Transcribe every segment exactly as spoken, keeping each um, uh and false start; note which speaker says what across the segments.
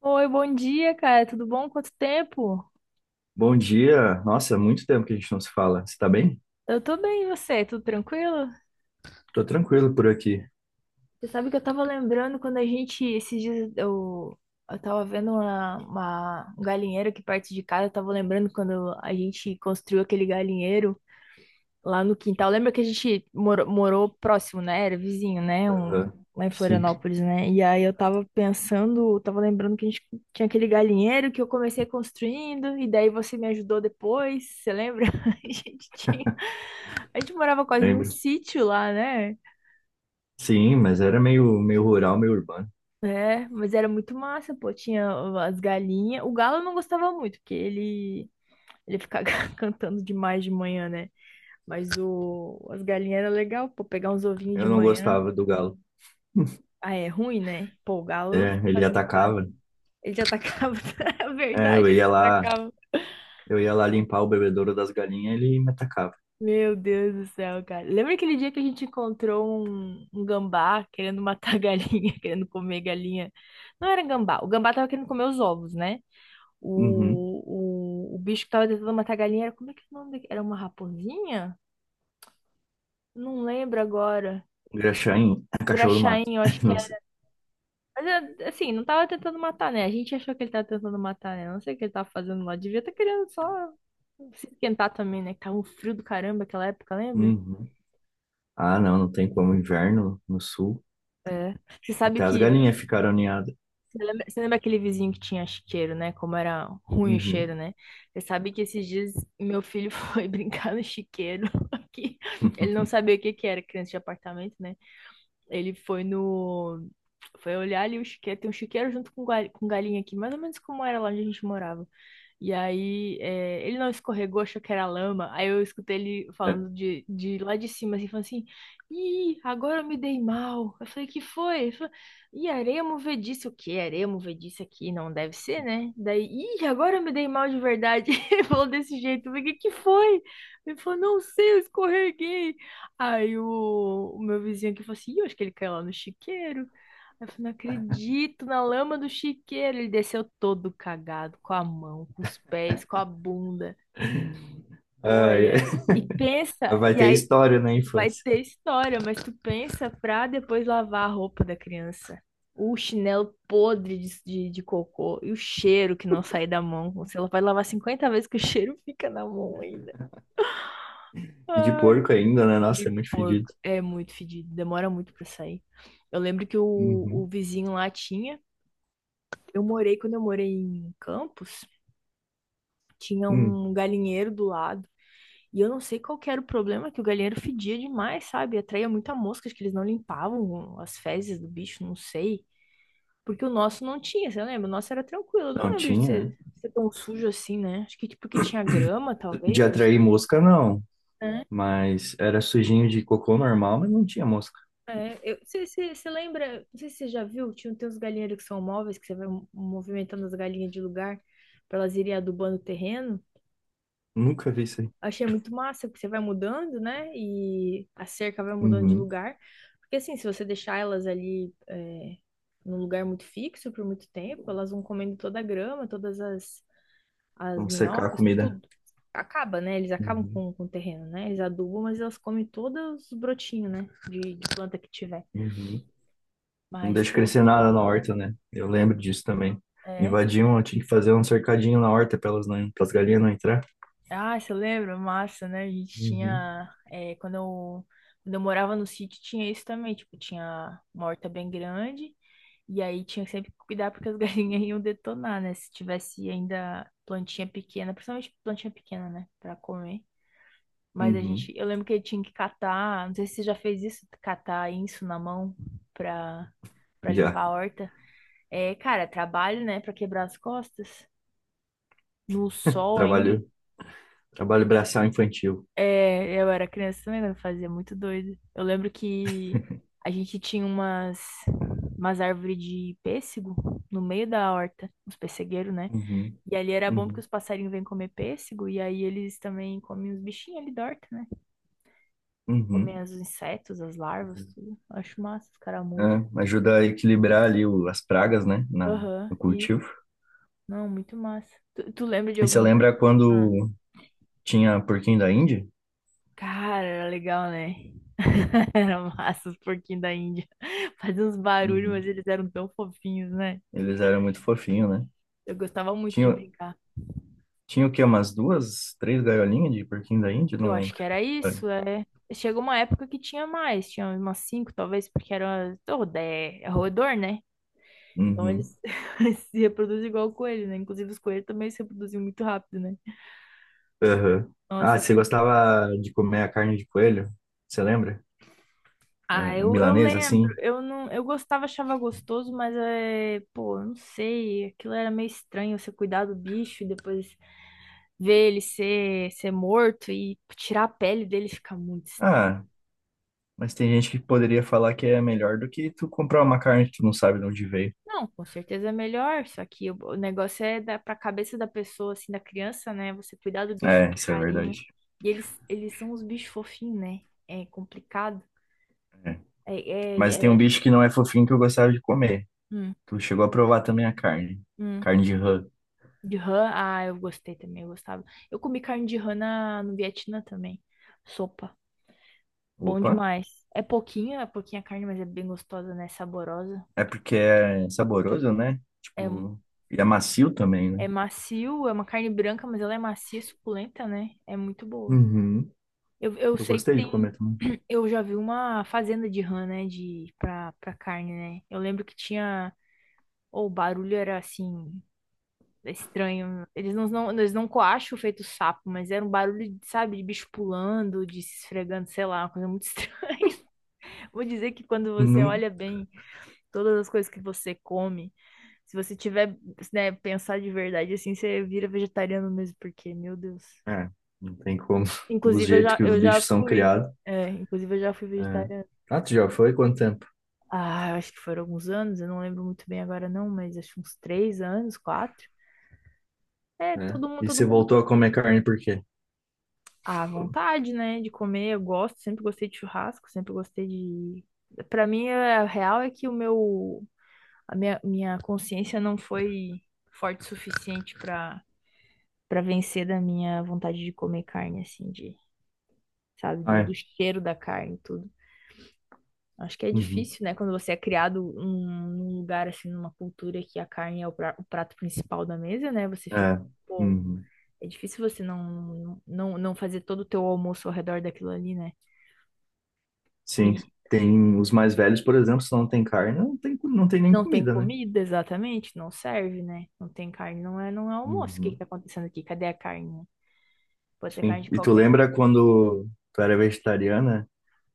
Speaker 1: Oi, bom dia, cara. Tudo bom? Quanto tempo?
Speaker 2: Bom dia. Nossa, é muito tempo que a gente não se fala. Você tá bem?
Speaker 1: Eu tô bem, e você? Tudo tranquilo?
Speaker 2: Tô tranquilo por aqui.
Speaker 1: Você sabe que eu tava lembrando quando a gente, esses dias, eu, eu tava vendo uma, uma- um galinheiro aqui perto de casa. Eu tava lembrando quando a gente construiu aquele galinheiro lá no quintal. Lembra que a gente morou, morou próximo, né? Era vizinho, né? Um,
Speaker 2: Aham.
Speaker 1: lá em
Speaker 2: Sim,
Speaker 1: Florianópolis, né? E aí eu tava pensando, eu tava lembrando que a gente tinha aquele galinheiro que eu comecei construindo, e daí você me ajudou depois, você lembra? A gente tinha. A gente morava quase num
Speaker 2: lembro.
Speaker 1: sítio lá, né?
Speaker 2: Sim, mas era meio, meio rural, meio urbano.
Speaker 1: É, mas era muito massa, pô. Tinha as galinhas. O galo eu não gostava muito, porque ele, ele ficava cantando demais de manhã, né? Mas o, as galinhas era legal, pô, pegar uns ovinhos de
Speaker 2: Eu não
Speaker 1: manhã.
Speaker 2: gostava do galo.
Speaker 1: Ah, é ruim, né? Pô, o galo
Speaker 2: É, ele
Speaker 1: faz muito barulho.
Speaker 2: atacava.
Speaker 1: Ele te atacava. É
Speaker 2: É, eu
Speaker 1: verdade, ele
Speaker 2: ia
Speaker 1: te
Speaker 2: lá,
Speaker 1: atacava.
Speaker 2: eu ia lá limpar o bebedouro das galinhas, ele me atacava.
Speaker 1: Meu Deus do céu, cara. Lembra aquele dia que a gente encontrou um, um gambá querendo matar a galinha, querendo comer galinha? Não era gambá. O gambá tava querendo comer os ovos, né?
Speaker 2: Uhum.
Speaker 1: O, o, o bicho que tava tentando matar a galinha era... Como é que é o nome daquele? Era uma raposinha? Não lembro agora.
Speaker 2: Graxá em
Speaker 1: O
Speaker 2: cachorro do
Speaker 1: graxaim,
Speaker 2: mato.
Speaker 1: eu acho que
Speaker 2: Não sei.
Speaker 1: era. Mas, é, assim, não tava tentando matar, né? A gente achou que ele tava tentando matar, né? Não sei o que ele tava fazendo lá. Devia estar querendo só se esquentar também, né? Que tava um frio do caramba aquela época, lembra?
Speaker 2: Uhum. Ah, não, não tem como. Inverno no sul.
Speaker 1: É. Você sabe
Speaker 2: Até as galinhas
Speaker 1: que.
Speaker 2: ficaram ninhadas.
Speaker 1: Você lembra, você lembra aquele vizinho que tinha chiqueiro, né? Como era ruim o cheiro,
Speaker 2: Uhum.
Speaker 1: né? Você sabe que esses dias meu filho foi brincar no chiqueiro aqui. Ele não sabia o que que era criança de apartamento, né? Ele foi no. Foi olhar ali o chiqueiro. Tem um chiqueiro junto com, gal- com galinha aqui, mais ou menos como era lá onde a gente morava. E aí, é, ele não escorregou, achou que era lama. Aí eu escutei ele
Speaker 2: É.
Speaker 1: falando de, de lá de cima, assim, falando assim: Ih, agora eu me dei mal. Eu falei: Que foi? Ele falou: Ih, areia movediça. O quê? Areia movediça aqui? Não deve ser, né? Daí, Ih, agora eu me dei mal de verdade. Ele falou desse jeito. Eu falei: Que que foi? Ele falou: Não sei, eu escorreguei. Aí o, o meu vizinho aqui falou assim: Ih, eu acho que ele caiu lá no chiqueiro. Aí eu falei: não acredito, na lama do chiqueiro. Ele desceu todo cagado, com a mão, com os pés, com a bunda.
Speaker 2: Ai,
Speaker 1: Olha, e pensa,
Speaker 2: vai
Speaker 1: e
Speaker 2: ter
Speaker 1: aí
Speaker 2: história na
Speaker 1: vai
Speaker 2: infância.
Speaker 1: ter história, mas tu pensa pra depois lavar a roupa da criança. O chinelo podre de, de, de cocô e o cheiro que não sai da mão. Você vai lavar cinquenta vezes que o cheiro fica na mão ainda.
Speaker 2: E de
Speaker 1: Ai,
Speaker 2: porco ainda, né?
Speaker 1: de
Speaker 2: Nossa, é muito
Speaker 1: porco
Speaker 2: fedido.
Speaker 1: é muito fedido, demora muito pra sair. Eu lembro que o, o
Speaker 2: Uhum.
Speaker 1: vizinho lá tinha. Eu morei, quando eu morei em Campos, tinha
Speaker 2: Hum.
Speaker 1: um galinheiro do lado. E eu não sei qual que era o problema, que o galinheiro fedia demais, sabe? Atraía muita mosca, acho que eles não limpavam as fezes do bicho, não sei. Porque o nosso não tinha, você lembra? O nosso era tranquilo. Eu não
Speaker 2: Não
Speaker 1: lembro de
Speaker 2: tinha, né?
Speaker 1: ser, ser tão sujo assim, né? Acho que tipo que tinha grama,
Speaker 2: De
Speaker 1: talvez, não
Speaker 2: atrair
Speaker 1: sei.
Speaker 2: mosca, não.
Speaker 1: É,
Speaker 2: Mas era sujinho de cocô normal, mas não tinha mosca.
Speaker 1: é, eu, você, você, você lembra, não sei se você já viu, tinha tem uns galinheiros que são móveis, que você vai movimentando as galinhas de lugar para elas irem adubando o terreno.
Speaker 2: Nunca vi isso aí.
Speaker 1: Achei muito massa, porque você vai mudando, né? E a cerca vai mudando de
Speaker 2: Uhum.
Speaker 1: lugar. Porque assim, se você deixar elas ali é, num lugar muito fixo por muito tempo, elas vão comendo toda a grama, todas as, as
Speaker 2: Vamos secar a
Speaker 1: minhocas,
Speaker 2: comida.
Speaker 1: tudo. Acaba, né? Eles acabam
Speaker 2: Uhum.
Speaker 1: com, com o terreno, né? Eles adubam, mas elas comem todos os brotinhos, né? De, de planta que tiver.
Speaker 2: Uhum. Não
Speaker 1: Mas,
Speaker 2: deixa
Speaker 1: pô.
Speaker 2: crescer nada na horta, né? Eu lembro disso também.
Speaker 1: É.
Speaker 2: Invadiam, eu tinha que fazer um cercadinho na horta para elas não, para as galinhas não entrar.
Speaker 1: Ah, você lembra? Massa, né? A gente
Speaker 2: Uhum.
Speaker 1: tinha. É, quando eu, quando eu morava no sítio, tinha isso também. Tipo, tinha uma horta bem grande. E aí tinha que sempre cuidar porque as galinhas iam detonar, né? Se tivesse ainda plantinha pequena, principalmente plantinha pequena, né? Pra comer. Mas a gente.
Speaker 2: Uhum.
Speaker 1: Eu lembro que eu tinha que catar. Não sei se você já fez isso, catar isso na mão pra, pra limpar
Speaker 2: Já.
Speaker 1: a horta. É, cara, trabalho, né? Pra quebrar as costas. No sol ainda.
Speaker 2: Trabalho, trabalho braçal infantil.
Speaker 1: É, eu era criança também, quando fazia muito doido. Eu lembro que a gente tinha umas, umas árvores de pêssego no meio da horta, uns pessegueiros, né?
Speaker 2: Uhum.
Speaker 1: E ali era bom porque
Speaker 2: Uhum.
Speaker 1: os passarinhos vêm comer pêssego e aí eles também comem os bichinhos ali da horta, né? Comem
Speaker 2: Uhum.
Speaker 1: os insetos, as larvas, tudo. Acho massa, os caramujos.
Speaker 2: É, ajuda a equilibrar ali o- as pragas, né, na,
Speaker 1: Aham,
Speaker 2: no
Speaker 1: e...
Speaker 2: cultivo.
Speaker 1: Não, muito massa. Tu, tu lembra de
Speaker 2: E você
Speaker 1: alguma...
Speaker 2: lembra quando tinha porquinho da Índia?
Speaker 1: Cara, era legal, né? Era massa os porquinhos da Índia. Faziam uns barulhos, mas
Speaker 2: Uhum.
Speaker 1: eles eram tão fofinhos, né?
Speaker 2: Eles eram muito fofinhos, né?
Speaker 1: Eu gostava muito de
Speaker 2: Tinha,
Speaker 1: brincar.
Speaker 2: tinha o quê? Umas duas, três gaiolinhas de porquinho da Índia?
Speaker 1: Eu
Speaker 2: Não
Speaker 1: acho
Speaker 2: lembro.
Speaker 1: que era
Speaker 2: Olha.
Speaker 1: isso, é. Chegou uma época que tinha mais, tinha umas cinco, talvez, porque era rodé, é roedor, né? Então
Speaker 2: Uhum.
Speaker 1: eles se reproduzem igual o coelho, né? Inclusive os coelhos também se reproduziam muito rápido, né?
Speaker 2: Aham. Ah,
Speaker 1: Nossa,
Speaker 2: você gostava de comer a carne de coelho? Você lembra?
Speaker 1: ah,
Speaker 2: A a
Speaker 1: eu, eu
Speaker 2: milanesa,
Speaker 1: lembro,
Speaker 2: assim?
Speaker 1: eu não, eu gostava, achava gostoso, mas é, pô, eu não sei, aquilo era meio estranho, você cuidar do bicho e depois ver ele ser, ser morto e tirar a pele dele fica muito estranho.
Speaker 2: Ah, mas tem gente que poderia falar que é melhor do que tu comprar uma carne que tu não sabe de onde veio.
Speaker 1: Não, com certeza é melhor, só que o, o negócio é da, pra cabeça da pessoa, assim, da criança, né, você cuidar do bicho
Speaker 2: É,
Speaker 1: com
Speaker 2: isso é
Speaker 1: carinho,
Speaker 2: verdade.
Speaker 1: e eles, eles são os bichos fofinhos, né, é complicado,
Speaker 2: É.
Speaker 1: é,
Speaker 2: Mas tem
Speaker 1: é,
Speaker 2: um
Speaker 1: é-
Speaker 2: bicho que não é fofinho que eu gostava de comer.
Speaker 1: hum,
Speaker 2: Tu chegou a provar também a carne.
Speaker 1: hum.
Speaker 2: Carne de rã.
Speaker 1: De rã, ah, eu gostei também, eu gostava. Eu comi carne de rã na, no Vietnã também. Sopa, bom
Speaker 2: Opa.
Speaker 1: demais. É pouquinha, é pouquinha carne, mas é bem gostosa, né? Saborosa.
Speaker 2: É porque é saboroso, né?
Speaker 1: É,
Speaker 2: Tipo, e é macio também, né?
Speaker 1: é macio, é uma carne branca, mas ela é macia, suculenta, né? É muito boa.
Speaker 2: Uhum.
Speaker 1: Eu, eu
Speaker 2: Eu
Speaker 1: sei que
Speaker 2: gostei de
Speaker 1: tem.
Speaker 2: comer também.
Speaker 1: Eu já vi uma fazenda de rã, né? De, pra, pra carne, né? Eu lembro que tinha. Ou o barulho era assim. É estranho. Eles não, não, eles não coacham feito sapo, mas era um barulho, sabe, de bicho pulando, de se esfregando, sei lá, uma coisa muito estranha. Vou dizer que quando você
Speaker 2: Não,
Speaker 1: olha bem todas as coisas que você come, se você tiver, né, pensar de verdade assim, você vira vegetariano mesmo, porque, meu Deus.
Speaker 2: é, não tem como. Os
Speaker 1: Inclusive, eu
Speaker 2: jeitos
Speaker 1: já,
Speaker 2: que os
Speaker 1: eu já
Speaker 2: bichos são
Speaker 1: fui.
Speaker 2: criados.
Speaker 1: É, inclusive, eu já fui
Speaker 2: É.
Speaker 1: vegetariana.
Speaker 2: Ah, tu já foi? Quanto tempo?
Speaker 1: Ah, eu acho que foram alguns anos, eu não lembro muito bem agora não, mas acho que uns três anos, quatro. É,
Speaker 2: É.
Speaker 1: todo mundo,
Speaker 2: E
Speaker 1: todo
Speaker 2: você
Speaker 1: mundo.
Speaker 2: voltou a comer carne por quê?
Speaker 1: A vontade, né, de comer. Eu gosto, sempre gostei de churrasco, sempre gostei de. Pra mim, a real é que o meu, a minha, minha consciência não foi forte o suficiente pra para vencer da minha vontade de comer carne, assim, de, sabe,
Speaker 2: Ah,
Speaker 1: do,
Speaker 2: é.
Speaker 1: do cheiro da carne, e tudo. Acho que é
Speaker 2: Uhum.
Speaker 1: difícil, né, quando você é criado num, num lugar, assim, numa cultura que a carne é o, pra- o prato principal da mesa, né, você fica,
Speaker 2: É.
Speaker 1: pô,
Speaker 2: Uhum.
Speaker 1: é difícil você não, não, não fazer todo o teu almoço ao redor daquilo ali, né?
Speaker 2: Sim.
Speaker 1: E
Speaker 2: Tem os mais velhos, por exemplo, se não tem carne, não tem, não tem nem
Speaker 1: não tem
Speaker 2: comida, né?
Speaker 1: comida, exatamente, não serve, né? Não tem carne, não é, não é almoço. O que que
Speaker 2: Uhum.
Speaker 1: tá acontecendo aqui? Cadê a carne? Pode ter carne
Speaker 2: Sim.
Speaker 1: de
Speaker 2: E tu
Speaker 1: qualquer coisa.
Speaker 2: lembra quando tu era vegetariana,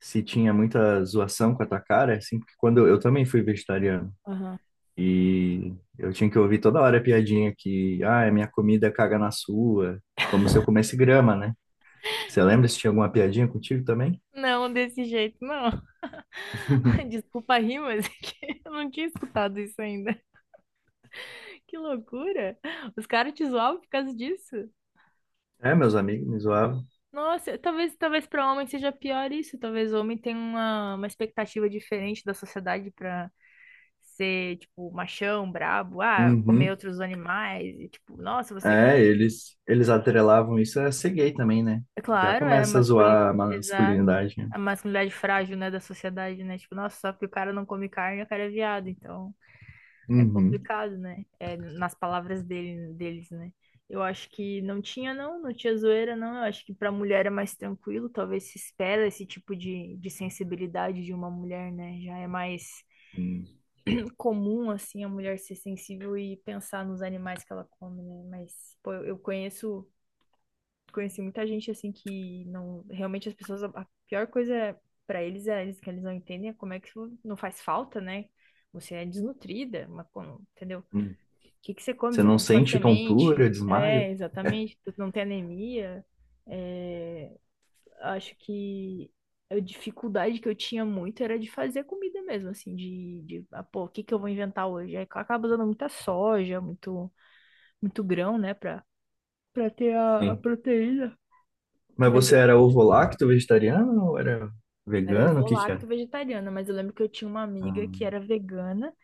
Speaker 2: se tinha muita zoação com a tua cara, assim, porque quando eu, eu também fui vegetariano
Speaker 1: Aham.
Speaker 2: e eu tinha que ouvir toda hora a piadinha que, ah, minha comida caga na sua, como se eu comesse grama, né? Você lembra se tinha alguma piadinha contigo também?
Speaker 1: Não, desse jeito, não. Desculpa a rir, mas é que eu não tinha escutado isso ainda. Que loucura! Os caras te zoavam por causa disso?
Speaker 2: É, meus amigos me zoavam.
Speaker 1: Nossa, talvez, talvez para homem seja pior isso. Talvez o homem tenha uma, uma expectativa diferente da sociedade para ser, tipo, machão, brabo, ah, comer
Speaker 2: Uhum.
Speaker 1: outros animais, e, tipo, nossa, você quer
Speaker 2: É, eles, eles atrelavam isso a ser gay também, né? Já
Speaker 1: claro, é a
Speaker 2: começa a
Speaker 1: masculinidade,
Speaker 2: zoar a
Speaker 1: exato,
Speaker 2: masculinidade, né?
Speaker 1: a masculinidade frágil, né, da sociedade, né? Tipo, nossa, só porque o cara não come carne, o cara é viado. Então, é
Speaker 2: Uhum.
Speaker 1: complicado, né? É, nas palavras dele, deles, né? Eu acho que não tinha, não, não tinha zoeira, não. Eu acho que pra mulher é mais tranquilo, talvez se espera esse tipo de, de sensibilidade de uma mulher, né? Já é mais
Speaker 2: Hum.
Speaker 1: comum, assim, a mulher ser sensível e pensar nos animais que ela come, né? Mas, pô, eu eu conheço conheci muita gente assim que não. Realmente as pessoas. A pior coisa para eles é eles que eles não entendem é como é que não faz falta, né? Você é desnutrida, mas como, entendeu? O
Speaker 2: Hum.
Speaker 1: que que você come?
Speaker 2: Você
Speaker 1: Você
Speaker 2: não
Speaker 1: come só
Speaker 2: sente
Speaker 1: semente?
Speaker 2: tontura, desmaio?
Speaker 1: É, exatamente. Tu não tem anemia. É, acho que a dificuldade que eu tinha muito era de fazer comida mesmo, assim, de, de ah, pô, o que que eu vou inventar hoje? Aí acaba usando muita soja, muito, muito grão, né, pra, pra ter a, a
Speaker 2: Sim.
Speaker 1: proteína.
Speaker 2: Mas
Speaker 1: Mas
Speaker 2: você era ovo-lacto, vegetariano ou era
Speaker 1: eu era
Speaker 2: vegano? O que que
Speaker 1: ovo-lacto
Speaker 2: era?
Speaker 1: vegetariana, mas eu lembro que eu tinha uma amiga que
Speaker 2: Ah,
Speaker 1: era vegana,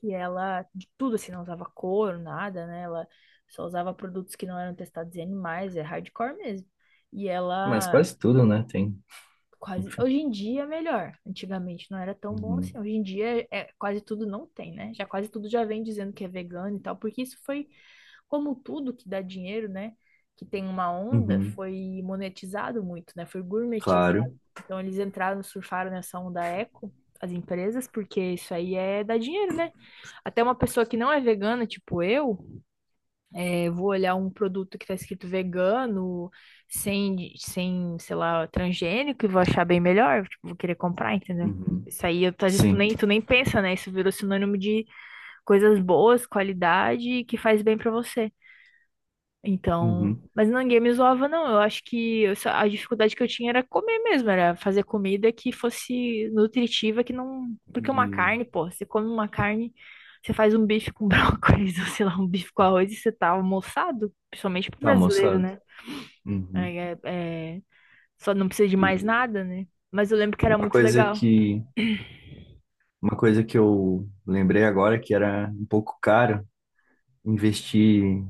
Speaker 1: que ela de tudo assim, não usava couro, nada, né? Ela só usava produtos que não eram testados em animais, é hardcore mesmo. E
Speaker 2: mas
Speaker 1: ela
Speaker 2: quase tudo, né? Tem,
Speaker 1: quase.
Speaker 2: enfim.
Speaker 1: Hoje em dia é melhor. Antigamente não era tão bom
Speaker 2: Uhum.
Speaker 1: assim. Hoje em dia é é, quase tudo não tem, né? Já quase tudo já vem dizendo que é vegano e tal, porque isso foi como tudo que dá dinheiro, né? Que tem uma onda,
Speaker 2: Uhum.
Speaker 1: foi monetizado muito, né? Foi gourmetizado.
Speaker 2: Claro.
Speaker 1: Então eles entraram, surfaram nessa onda eco, as empresas, porque isso aí é dar dinheiro, né? Até uma pessoa que não é vegana, tipo eu, é, eu vou olhar um produto que está escrito vegano, sem, sem, sei lá, transgênico, e vou achar bem melhor, tipo, vou querer comprar, entendeu?
Speaker 2: Uhum.
Speaker 1: Isso aí, eu- às vezes tu
Speaker 2: Sim.
Speaker 1: nem, tu nem pensa, né? Isso virou sinônimo de coisas boas, qualidade, e que faz bem pra você. Então,
Speaker 2: Uhum.
Speaker 1: mas ninguém me zoava, não. Eu acho que eu só- a dificuldade que eu tinha era comer mesmo, era fazer comida que fosse nutritiva, que não. Porque uma
Speaker 2: E
Speaker 1: carne, pô, você come uma carne, você faz um bife com brócolis, ou sei lá, um bife com arroz e você tá almoçado, principalmente pro
Speaker 2: tá,
Speaker 1: brasileiro,
Speaker 2: moçada.
Speaker 1: né?
Speaker 2: Uhum.
Speaker 1: É, é- é- só não precisa de mais
Speaker 2: O-
Speaker 1: nada, né? Mas eu lembro que era
Speaker 2: Uma
Speaker 1: muito
Speaker 2: coisa
Speaker 1: legal.
Speaker 2: que, uma coisa que eu lembrei agora é que era um pouco caro investir,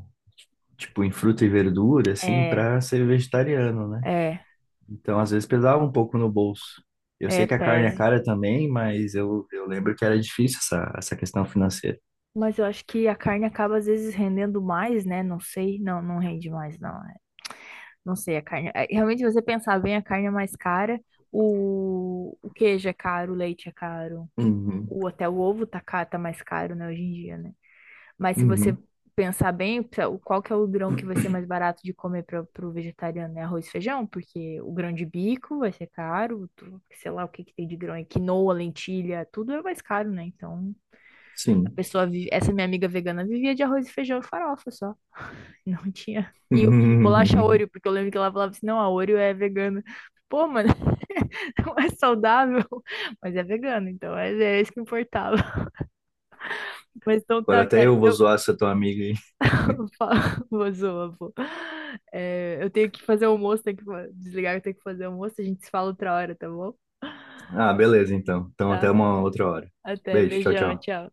Speaker 2: tipo, em fruta e verdura, assim,
Speaker 1: É,
Speaker 2: para ser vegetariano, né?
Speaker 1: é,
Speaker 2: Então, às vezes pesava um pouco no bolso. Eu
Speaker 1: é,
Speaker 2: sei que a carne é
Speaker 1: pese.
Speaker 2: cara também, mas eu, eu lembro que era difícil essa, essa questão financeira.
Speaker 1: Mas eu acho que a carne acaba às vezes rendendo mais, né? Não sei, não, não rende mais, não. Não sei, a carne. É, realmente, se você pensar bem, a carne é mais cara, o, o queijo é caro, o leite é caro,
Speaker 2: Uhum,
Speaker 1: o, até o ovo tá, ca- tá mais caro, né, hoje em dia, né? Mas se você
Speaker 2: uhum,
Speaker 1: pensar bem, o- qual que é o grão que vai ser mais barato de comer para o vegetariano? É arroz e feijão, porque o grão de bico vai ser caro, tu- sei lá o que que tem de grão aí, quinoa, lentilha, tudo é mais caro, né? Então, a
Speaker 2: sim.
Speaker 1: pessoa vive, essa minha amiga vegana vivia de arroz e feijão e farofa só. Não tinha. E, e bolacha Oreo, porque eu lembro que ela falava assim, não, a Oreo é vegana. Pô, mano, não é saudável, mas é vegano, então é, é isso que importava. Mas então
Speaker 2: Agora
Speaker 1: tá,
Speaker 2: até
Speaker 1: cara,
Speaker 2: eu vou
Speaker 1: eu
Speaker 2: zoar essa tua amiga aí.
Speaker 1: falo, vou zoar, pô. É, eu tenho que fazer almoço, tenho que fa- desligar, eu tenho que fazer almoço, a gente se fala outra hora, tá bom?
Speaker 2: Ah, beleza, então. Então, até
Speaker 1: Tá?
Speaker 2: uma outra hora.
Speaker 1: Até,
Speaker 2: Beijo, tchau,
Speaker 1: beijão,
Speaker 2: tchau.
Speaker 1: tchau.